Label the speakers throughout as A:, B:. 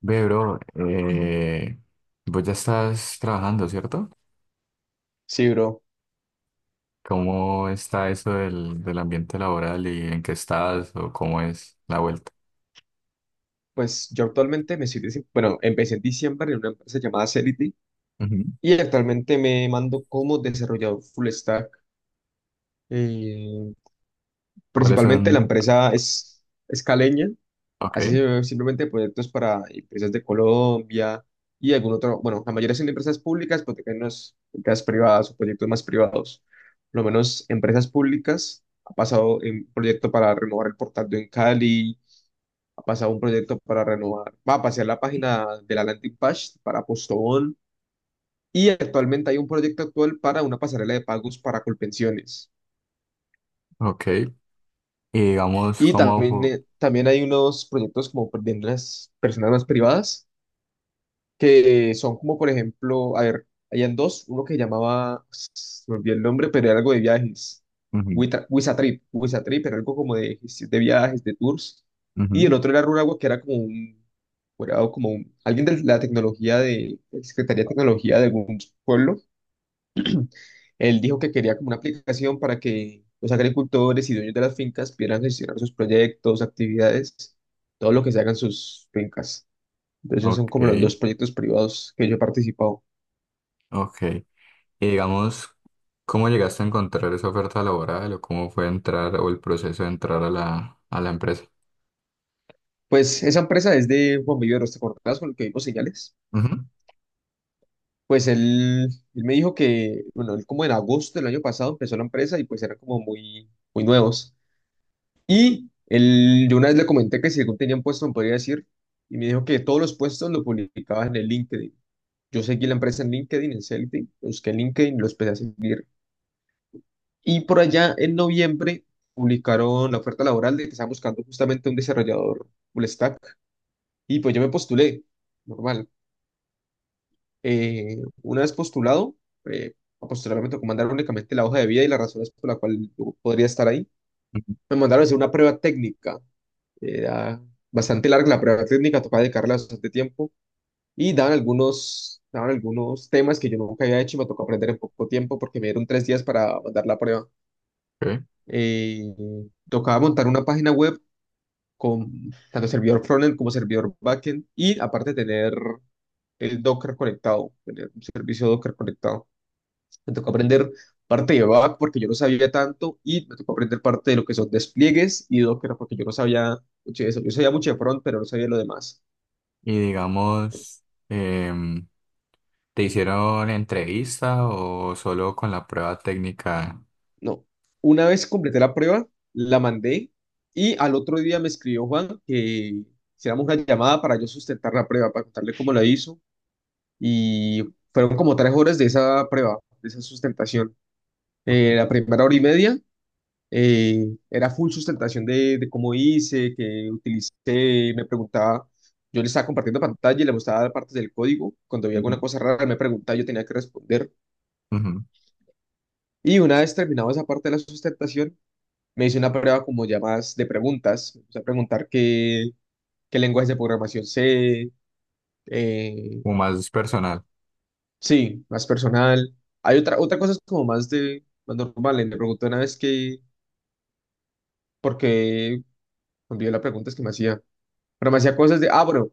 A: Ve, bro, vos ya estás trabajando, ¿cierto?
B: Sí, bro.
A: ¿Cómo está eso del ambiente laboral y en qué estás o cómo es la vuelta?
B: Pues yo actualmente me estoy, bueno, empecé en diciembre en una empresa llamada Celity
A: Ujú.
B: y actualmente me mando como desarrollador full stack. Eh,
A: ¿Cuáles
B: Principalmente la
A: son?
B: empresa es caleña,
A: Ok,
B: ve simplemente proyectos para empresas de Colombia y algún otro, bueno, la mayoría son empresas públicas, pero también unas empresas privadas o proyectos más privados. Por lo menos empresas públicas, ha pasado en proyecto para renovar el portal de Cali, pasado un proyecto para renovar, va a pasar la página de la landing page para Postobón, y actualmente hay un proyecto actual para una pasarela de pagos para Colpensiones.
A: ok. Y digamos,
B: Y
A: ¿cómo
B: también,
A: fu-
B: también hay unos proyectos como de unas personas más privadas que son como, por ejemplo, a ver, habían dos, uno que llamaba, se me olvidó el nombre, pero era algo de viajes,
A: ujú,
B: Wisatrip, Wisatrip, era algo como de viajes, de tours, y el
A: ujú,
B: otro era Runagua, que era como un, alguien de la tecnología de Secretaría de Tecnología de algún pueblo, él dijo que quería como una aplicación para que los agricultores y dueños de las fincas pudieran gestionar sus proyectos, actividades, todo lo que se haga en sus fincas. Entonces son
A: Ok,
B: como los dos proyectos privados que yo he participado.
A: ok. Y digamos, ¿cómo llegaste a encontrar esa oferta laboral o cómo fue entrar o el proceso de entrar a a la empresa?
B: Pues esa empresa es de Juan Viveros, ¿te acordás con el que vimos señales?
A: Ujú,
B: Pues él, Él me dijo que, bueno, él como en agosto del año pasado empezó la empresa y pues eran como muy, muy nuevos. Y él, yo una vez le comenté que si según tenían puesto me podría decir, y me dijo que todos los puestos lo publicabas en el LinkedIn. Yo seguí la empresa en LinkedIn, busqué en LinkedIn, lo empecé a seguir. Y por allá en noviembre publicaron la oferta laboral de que estaban buscando justamente un desarrollador full stack. Y pues yo me postulé, normal. Eh, una vez postulado, eh, posteriormente me mandaron únicamente la hoja de vida y las razones por las cuales yo podría estar ahí.
A: ujú,
B: Me mandaron a hacer una prueba técnica. Era bastante larga la prueba técnica, tocaba dedicarle bastante tiempo y daban algunos temas que yo nunca había hecho y me tocó aprender en poco tiempo porque me dieron tres días para mandar la prueba.
A: ok.
B: Eh, Tocaba montar una página web con tanto servidor frontend como servidor backend y aparte tener el Docker conectado, tener un servicio Docker conectado. Me tocó aprender parte de back porque yo no sabía tanto y me tocó aprender parte de lo que son despliegues y Docker porque yo no sabía mucho de eso. Yo sabía mucho de front, pero no sabía lo demás.
A: Y digamos, ¿te hicieron entrevista o solo con la prueba técnica?
B: No. Una vez completé la prueba, la mandé y al otro día me escribió Juan que hiciéramos una llamada para yo sustentar la prueba, para contarle cómo la hizo. Y fueron como tres horas de esa prueba, de esa sustentación. La primera hora y media era full sustentación de cómo hice, que utilicé, me preguntaba, yo le estaba compartiendo pantalla y le mostraba dar partes del código, cuando había alguna
A: Ujú.
B: cosa rara me preguntaba, yo tenía que responder.
A: Ujú,
B: Y una vez terminado esa parte de la sustentación, me hice una prueba como ya más de preguntas, o sea, qué lenguajes de programación sé, eh,
A: o más personal.
B: sí, más personal. Hay otra cosa es como más de, más normal, le pregunté una vez que, porque, envió la pregunta es que me hacía. Pero me hacía cosas de, ah, bueno,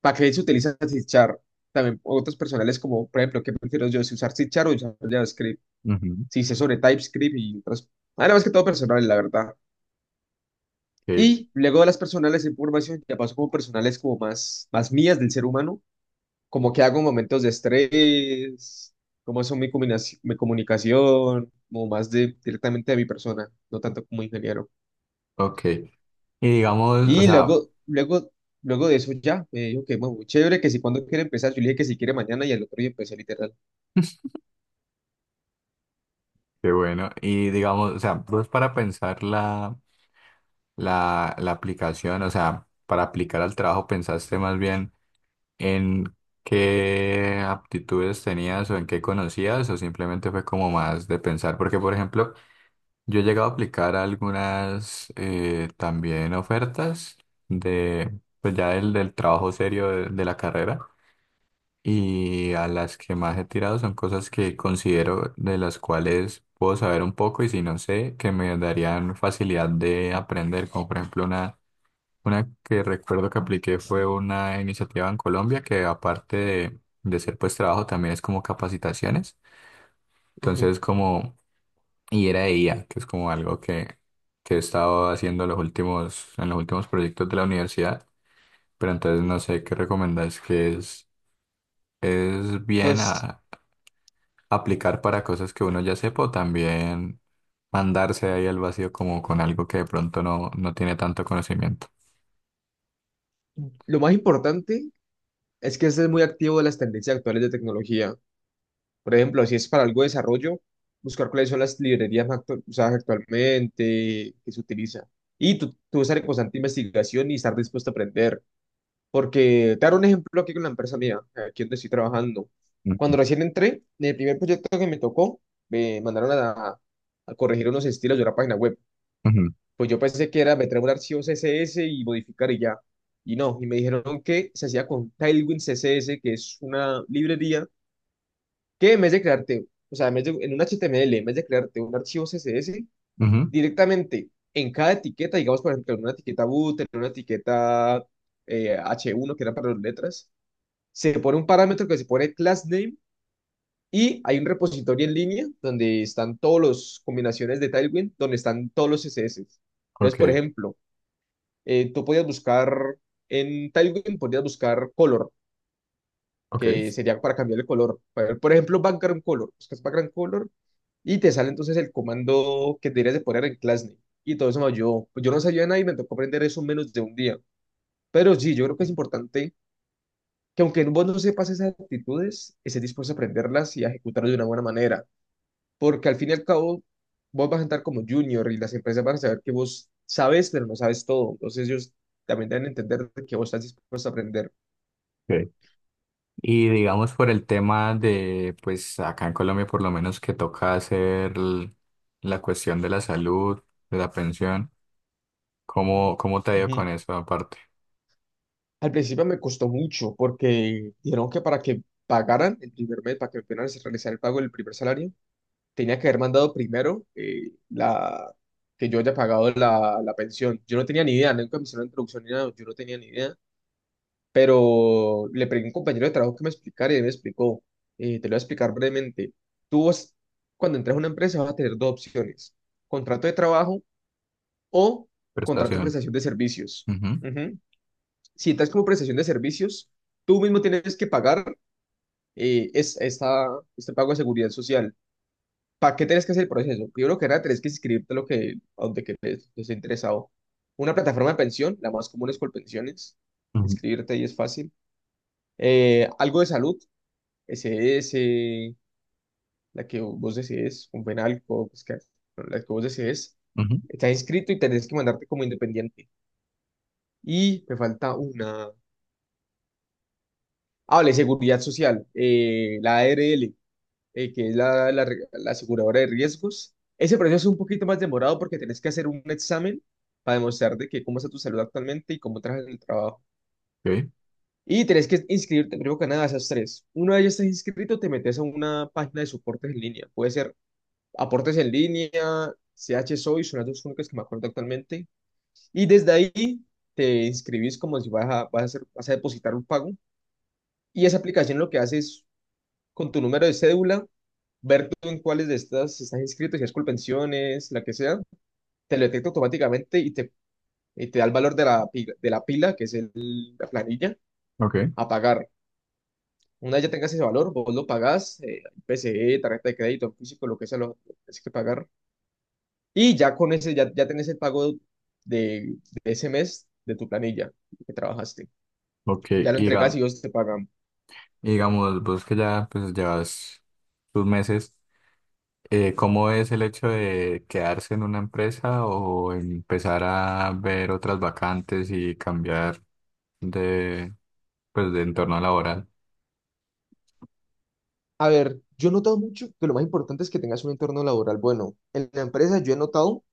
B: ¿para qué se utiliza C Sharp? También otras personales como, por ejemplo, ¿qué prefiero yo, si usar C Sharp o usar JavaScript?
A: Ujú,
B: Si sé sobre TypeScript y otras. Nada más que todo personal, la verdad.
A: sí,
B: Y luego de las personales de información, ya paso como personales como más, más mías del ser humano, como que hago en momentos de estrés, cómo son mi, mi comunicación, como más de, directamente de mi persona, no tanto como ingeniero.
A: ok. Y digamos, o
B: Y
A: sea,
B: luego de eso ya me dijo que bueno, muy chévere, que si cuando quiere empezar, yo le dije que si quiere mañana y al otro día empecé literal.
A: qué bueno. Y digamos, o sea, vos para pensar la aplicación, o sea, para aplicar al trabajo, ¿pensaste más bien en qué aptitudes tenías o en qué conocías o simplemente fue como más de pensar? Porque, por ejemplo, yo he llegado a aplicar algunas también ofertas de, pues ya del trabajo serio de la carrera y a las que más he tirado son cosas que considero de las cuales puedo saber un poco y si no sé, que me darían facilidad de aprender, como por ejemplo una que recuerdo que apliqué fue una iniciativa en Colombia que aparte de ser pues trabajo también es como capacitaciones.
B: Ujú.
A: Entonces, como y era IA, que es como algo que he estado haciendo los últimos, en los últimos proyectos de la universidad, pero entonces no sé qué recomendás que es bien
B: Pues
A: a- aplicar para cosas que uno ya sepa o también mandarse ahí al vacío como con algo que de pronto no, no tiene tanto conocimiento.
B: lo más importante es que estés muy activo de las tendencias actuales de tecnología. Por ejemplo, si es para algo de desarrollo, buscar cuáles son las librerías más usadas actualmente, que se utilizan. Y tú estar en constante investigación y estar dispuesto a aprender. Porque te daré un ejemplo aquí con la empresa mía, aquí donde estoy trabajando.
A: Ujú,
B: Cuando recién entré, en el primer proyecto que me tocó, me mandaron a corregir unos estilos de una página web.
A: ujú,
B: Pues yo pensé que era meter un archivo CSS y modificar y ya. Y no, y me dijeron que se hacía con Tailwind CSS, que es una librería que en vez de crearte, o sea, en vez de, en un HTML, en vez de crearte un archivo CSS,
A: ujú.
B: directamente en cada etiqueta, digamos, por ejemplo, en una etiqueta boot, en una etiqueta H1, que era para las letras, se pone un parámetro que se pone class name, y hay un repositorio en línea donde están todas las combinaciones de Tailwind, donde están todos los CSS. Entonces, por
A: Ok,
B: ejemplo, tú podías buscar en Tailwind, podías buscar color, que
A: ok.
B: sería para cambiar el color. Por ejemplo, background color, buscas background color y te sale entonces el comando que deberías de poner en class name. Y todo eso me ayudó. Pues yo no sabía nada y me tocó aprender eso en menos de un día. Pero sí, yo creo que es importante que aunque vos no sepas esas actitudes, estés dispuesto a aprenderlas y a ejecutarlas de una buena manera, porque al fin y al cabo vos vas a entrar como junior y las empresas van a saber que vos sabes, pero no sabes todo, entonces ellos también deben entender que vos estás dispuesto a aprender.
A: Ok. Y digamos por el tema de, pues acá en Colombia por lo menos que toca hacer l- la cuestión de la salud, de la pensión, ¿cómo, cómo te ha ido con
B: Ujú.
A: eso aparte?
B: Al principio me costó mucho porque dijeron que para que pagaran el primer mes, para que me pudieran realizar el pago del primer salario, tenía que haber mandado primero que yo haya pagado la pensión. Yo no tenía ni idea, nunca me hicieron la introducción ni nada, yo no tenía ni idea. Pero le pregunté a un compañero de trabajo que me explicara y él me explicó, te lo voy a explicar brevemente. Tú vas- Cuando entras a una empresa vas a tener dos opciones, contrato de trabajo o contrato de
A: Prestación.
B: prestación de servicios.
A: Ujú,
B: Ujú. Si entras como prestación de servicios, tú mismo tienes que pagar eh, es, esta, este pago de seguridad social. ¿Para qué tienes que hacer el proceso? Primero que nada, tienes que inscribirte a lo que, a donde que te te esté interesado. Una plataforma de pensión, la más común es Colpensiones.
A: ujú,
B: Inscribirte ahí es fácil. Algo de salud, SS, la que vos desees, un penalco, bueno, la que vos desees,
A: ujú.
B: estás inscrito y tenés que mandarte como independiente. Y me falta una. Ah, vale, seguridad social, la ARL, que es la aseguradora de riesgos. Ese proceso es un poquito más demorado porque tenés que hacer un examen para demostrar de que cómo está tu salud actualmente y cómo trabajas en el trabajo.
A: Ok,
B: Y tenés que inscribirte, primero que nada, a esas tres. Una de ellas estás inscrito, te metes a una página de soportes en línea. Puede ser Aportes en línea, CH Soy son las dos únicas que me acuerdo actualmente. Y desde ahí te inscribís como si vas a depositar un pago. Y esa aplicación lo que hace es, con tu número de cédula, ver tú en cuáles de estas estás inscrito, si es Colpensiones, la que sea, te lo detecta automáticamente y y te da el valor de la, de la pila, la planilla,
A: ok,
B: a pagar. Una vez ya tengas ese valor, vos lo pagás, PCE, tarjeta de crédito, físico, lo que sea, lo que tenés que pagar. Y ya con ese, ya tenés el pago de, de ese mes de tu planilla que trabajaste.
A: ok.
B: Ya lo
A: Y
B: entregas y
A: diga-
B: ellos te pagan.
A: y digamos, vos que ya pues llevas tus meses, ¿cómo es el hecho de quedarse en una empresa o empezar a ver otras vacantes y cambiar de, pues, de entorno laboral?
B: A ver, yo he notado mucho que lo más importante es que tengas un entorno laboral bueno. En la empresa yo he notado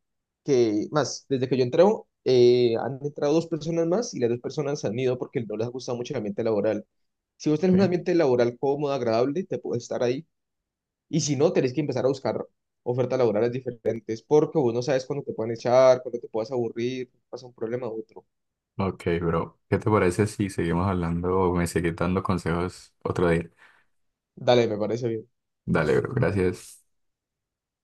B: que, más, desde que yo entré, han entrado dos personas más y las dos personas se han ido porque no les ha gustado mucho el ambiente laboral. Si vos tenés un ambiente laboral cómodo, agradable, te puedes estar ahí. Y si no, tenés que empezar a buscar ofertas laborales diferentes porque vos no sabes cuándo te pueden echar, cuándo te puedas aburrir, pasa un problema u otro.
A: Ok, bro. ¿Qué te parece si seguimos hablando o me seguís dando consejos otro día?
B: Dale, me parece bien.
A: Dale, bro. Gracias.